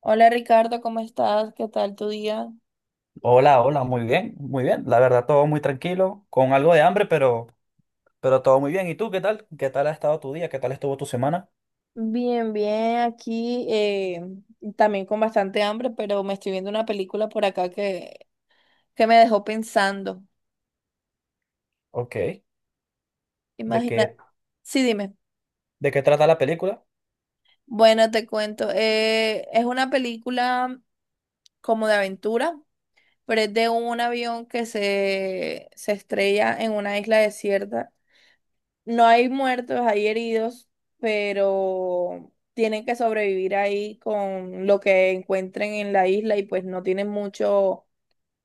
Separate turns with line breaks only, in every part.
Hola Ricardo, ¿cómo estás? ¿Qué tal tu día?
Hola, hola, muy bien, muy bien. La verdad, todo muy tranquilo, con algo de hambre, pero todo muy bien. ¿Y tú qué tal? ¿Qué tal ha estado tu día? ¿Qué tal estuvo tu semana?
Bien, bien, aquí también con bastante hambre, pero me estoy viendo una película por acá que me dejó pensando.
Ok. ¿De
Imagina,
qué,
sí, dime.
¿De qué trata la película?
Bueno, te cuento, es una película como de aventura, pero es de un avión que se estrella en una isla desierta. No hay muertos, hay heridos, pero tienen que sobrevivir ahí con lo que encuentren en la isla y pues no tienen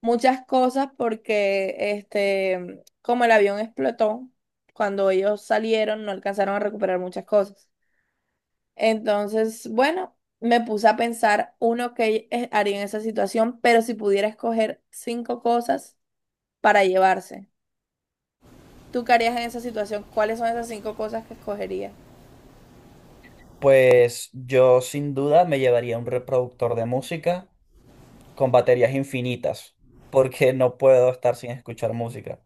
muchas cosas porque este, como el avión explotó, cuando ellos salieron no alcanzaron a recuperar muchas cosas. Entonces, bueno, me puse a pensar uno que haría en esa situación, pero si pudiera escoger cinco cosas para llevarse. ¿Tú qué harías en esa situación? ¿Cuáles son esas cinco cosas que escogerías?
Pues yo sin duda me llevaría un reproductor de música con baterías infinitas, porque no puedo estar sin escuchar música.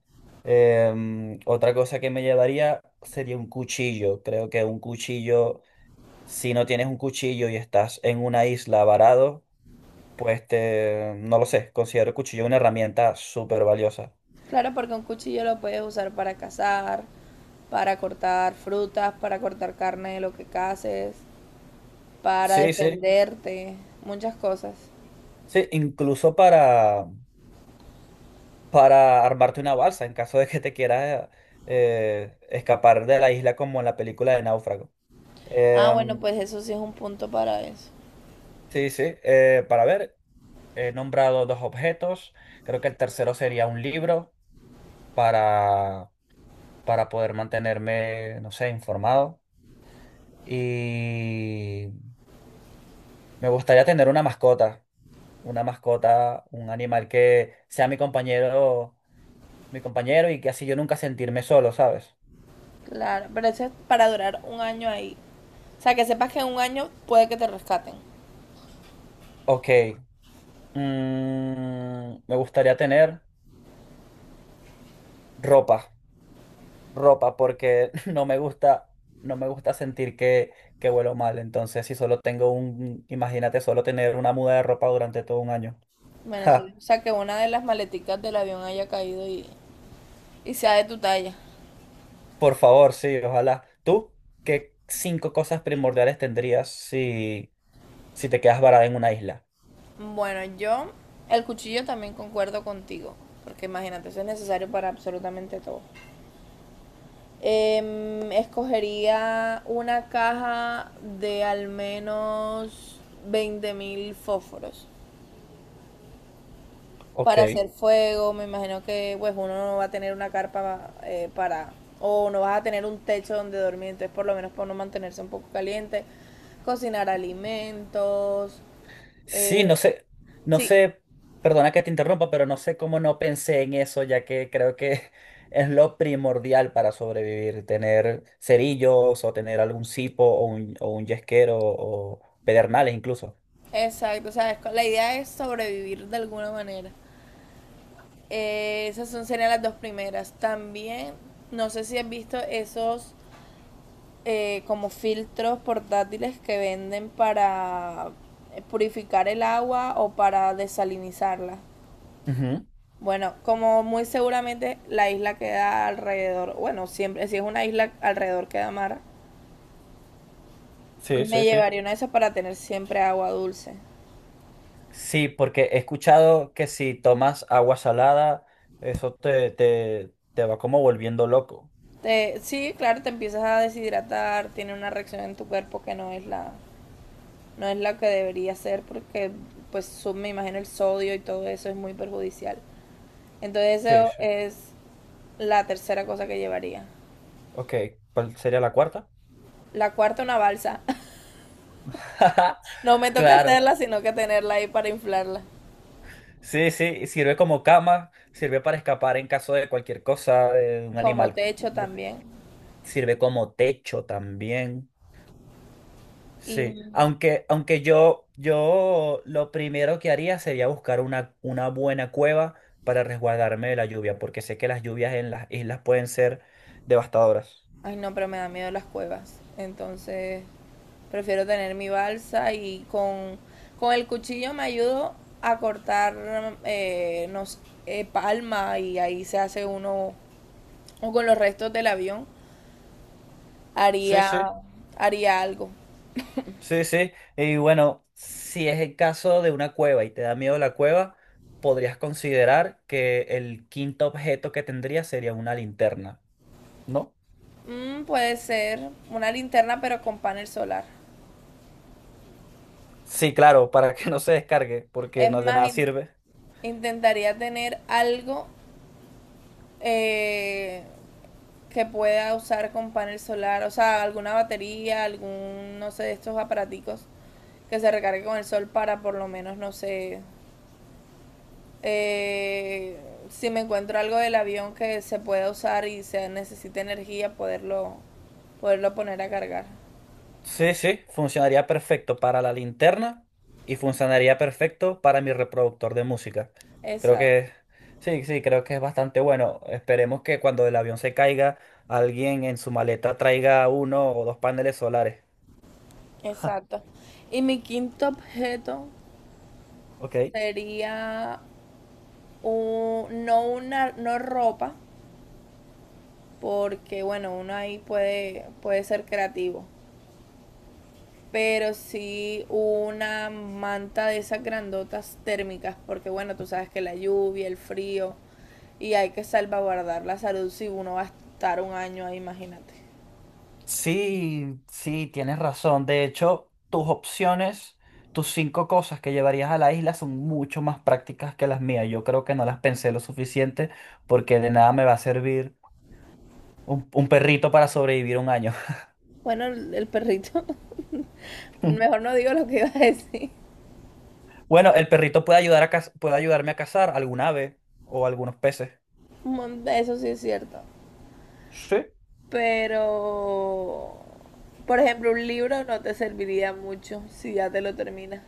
Otra cosa que me llevaría sería un cuchillo. Creo que un cuchillo, si no tienes un cuchillo y estás en una isla varado, pues te, no lo sé, considero el cuchillo una herramienta súper valiosa.
Claro, porque un cuchillo lo puedes usar para cazar, para cortar frutas, para cortar carne de lo que caces, para
Sí, sí,
defenderte, muchas cosas.
sí, incluso para armarte una balsa en caso de que te quieras escapar de la isla como en la película de Náufrago.
Ah, bueno,
Em,
pues eso sí es un punto para eso.
sí, sí, para ver, he nombrado dos objetos, creo que el tercero sería un libro para, para poder mantenerme, no sé, informado. Y me gustaría tener una mascota. Una mascota, un animal que sea mi compañero y que así yo nunca sentirme solo, ¿sabes?
Claro, pero eso es para durar un año ahí. O sea, que sepas que en un año puede que te rescaten.
Ok, me gustaría tener ropa, ropa, porque no me gusta, no me gusta sentir que huelo mal. Entonces, si solo tengo un, imagínate solo tener una muda de ropa durante todo un año.
Bueno,
Ja,
sí. O sea, que una de las maleticas del avión haya caído y sea de tu talla.
por favor, sí, ojalá. ¿Tú qué cinco cosas primordiales tendrías si te quedas varada en una isla?
Bueno, yo el cuchillo también concuerdo contigo, porque imagínate, eso es necesario para absolutamente todo. Escogería una caja de al menos 20.000 fósforos para
Ok.
hacer fuego. Me imagino que pues uno no va a tener una carpa para o no vas a tener un techo donde dormir, entonces por lo menos para no mantenerse un poco caliente, cocinar alimentos.
Sí,
eh,
no sé, no
sí,
sé, perdona que te interrumpa, pero no sé cómo no pensé en eso, ya que creo que es lo primordial para sobrevivir, tener cerillos o tener algún cipo o un yesquero o pedernales incluso.
exacto. O sea, es la idea es sobrevivir de alguna manera. Esas son, serían las dos primeras. También, no sé si has visto esos como filtros portátiles que venden para purificar el agua o para desalinizarla.
Ujú.
Bueno, como muy seguramente la isla queda alrededor, bueno, siempre, si es una isla alrededor queda mar,
Sí,
me
sí, sí.
llevaría una de esas para tener siempre agua dulce.
Sí, porque he escuchado que si tomas agua salada, eso te va como volviendo loco.
Sí, claro, te empiezas a deshidratar, tiene una reacción en tu cuerpo que no es la que debería ser porque pues me imagino el sodio y todo eso es muy perjudicial. Entonces
Sí,
eso
sí.
es la tercera cosa que llevaría.
Ok, ¿cuál sería la cuarta?
La cuarta, una balsa. No me toca
Claro.
hacerla, sino que tenerla ahí para inflarla.
Sí, sí, sirve como cama, sirve para escapar en caso de cualquier cosa, de un
Como
animal,
techo
de-
también.
sirve como techo también.
Y
Sí, aunque yo lo primero que haría sería buscar una buena cueva para resguardarme de la lluvia, porque sé que las lluvias en las islas pueden ser devastadoras.
ay no, pero me da miedo las cuevas. Entonces, prefiero tener mi balsa y con el cuchillo me ayudo a cortar no sé, palma y ahí se hace uno, o con los restos del avión,
Sí,
haría,
sí.
haría algo.
Sí, sí. Y bueno, si es el caso de una cueva y te da miedo la cueva, podrías considerar que el quinto objeto que tendría sería una linterna, ¿no?
Puede ser una linterna pero con panel solar.
Sí, claro, para que no se descargue, porque
Es
no de
más,
nada sirve.
intentaría tener algo eh, que pueda usar con panel solar, o sea, alguna batería, algún, no sé, de estos aparaticos que se recargue con el sol para por lo menos, no sé, eh, si me encuentro algo del avión que se pueda usar y se necesite energía, poderlo poner a cargar.
Sí, sí, funcionaría perfecto para la linterna y funcionaría perfecto para mi reproductor de música. Creo
Exacto,
que, sí, sí, creo que es bastante bueno. Esperemos que cuando el avión se caiga, alguien en su maleta traiga uno o dos paneles solares. Ja,
exacto. Y mi quinto objeto
ok.
sería un- no una no ropa, porque bueno, uno ahí puede, puede ser creativo, pero sí una manta de esas grandotas térmicas, porque bueno, tú sabes que la lluvia, el frío, y hay que salvaguardar la salud si uno va a estar un año ahí, imagínate.
Sí, sí, tienes razón. De hecho, tus opciones, tus cinco cosas que llevarías a la isla son mucho más prácticas que las mías. Yo creo que no las pensé lo suficiente porque de nada me va a servir un perrito para sobrevivir un año.
Bueno, el perrito. Mejor no digo lo que iba a decir.
Bueno, el perrito puede ayudar a caz- puede ayudarme a cazar algún ave o algunos peces.
Eso sí es cierto.
Sí.
Pero, por ejemplo, un libro no te serviría mucho si ya te lo terminas.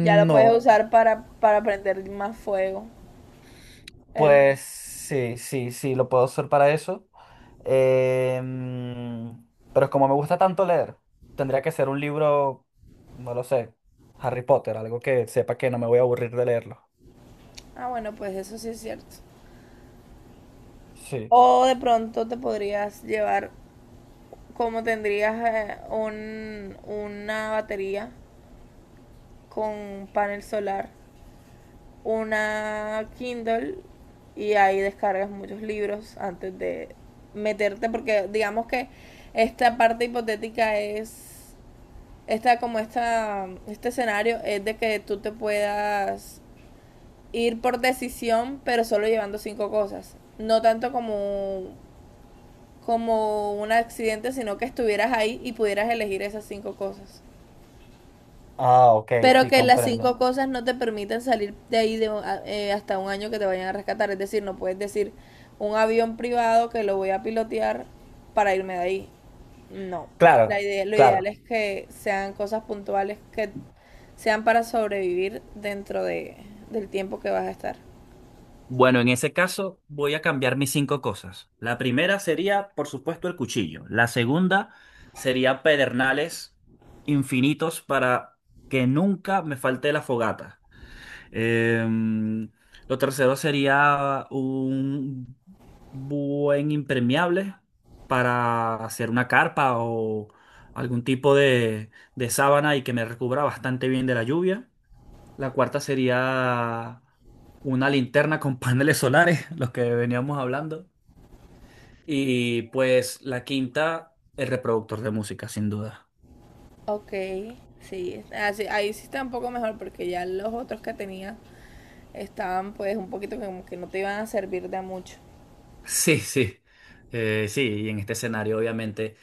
Ya lo puedes
no,
usar para prender más fuego. El-
pues sí, sí, sí, lo puedo usar para eso. Em, pero como me gusta tanto leer, tendría que ser un libro, no lo sé, Harry Potter, algo que sepa que no me voy a aburrir de leerlo.
Ah, bueno, pues eso sí es cierto.
Sí.
O de pronto te podrías llevar, como tendrías una batería con panel solar. Una Kindle y ahí descargas muchos libros antes de meterte, porque digamos que esta parte hipotética es, este escenario es de que tú te puedas ir por decisión, pero solo llevando cinco cosas. No tanto como como un accidente, sino que estuvieras ahí y pudieras elegir esas cinco cosas.
Ah, ok,
Pero
sí,
que las cinco
comprendo.
cosas no te permiten salir de ahí hasta un año que te vayan a rescatar. Es decir, no puedes decir un avión privado que lo voy a pilotear para irme de ahí. No. La
Claro,
idea, lo ideal
claro.
es que sean cosas puntuales que sean para sobrevivir dentro de, del tiempo que vas a estar.
Bueno, en ese caso voy a cambiar mis cinco cosas. La primera sería, por supuesto, el cuchillo. La segunda sería pedernales infinitos para que nunca me falte la fogata. Em, lo tercero sería un buen impermeable para hacer una carpa o algún tipo de sábana y que me recubra bastante bien de la lluvia. La cuarta sería una linterna con paneles solares, los que veníamos hablando. Y pues la quinta, el reproductor de música, sin duda.
Ok, sí. Así, ahí sí está un poco mejor porque ya los otros que tenía estaban pues un poquito como que no te iban a servir de mucho.
Sí, sí, sí, y en este escenario obviamente,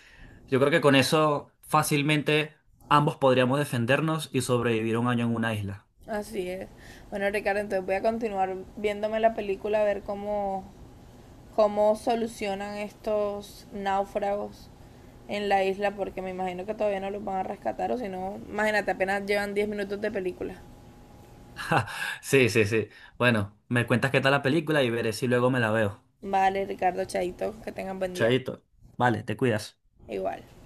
yo creo que con eso fácilmente ambos podríamos defendernos y sobrevivir un año en una isla.
Así es. Bueno, Ricardo, entonces voy a continuar viéndome la película a ver cómo cómo solucionan estos náufragos en la isla, porque me imagino que todavía no los van a rescatar, o si no, imagínate, apenas llevan 10 minutos de película.
Sí, sí, sí. Bueno, me cuentas qué tal la película y veré si luego me la veo.
Vale, Ricardo, chaito, que tengan buen día.
Chaito. Vale, te cuidas.
Igual.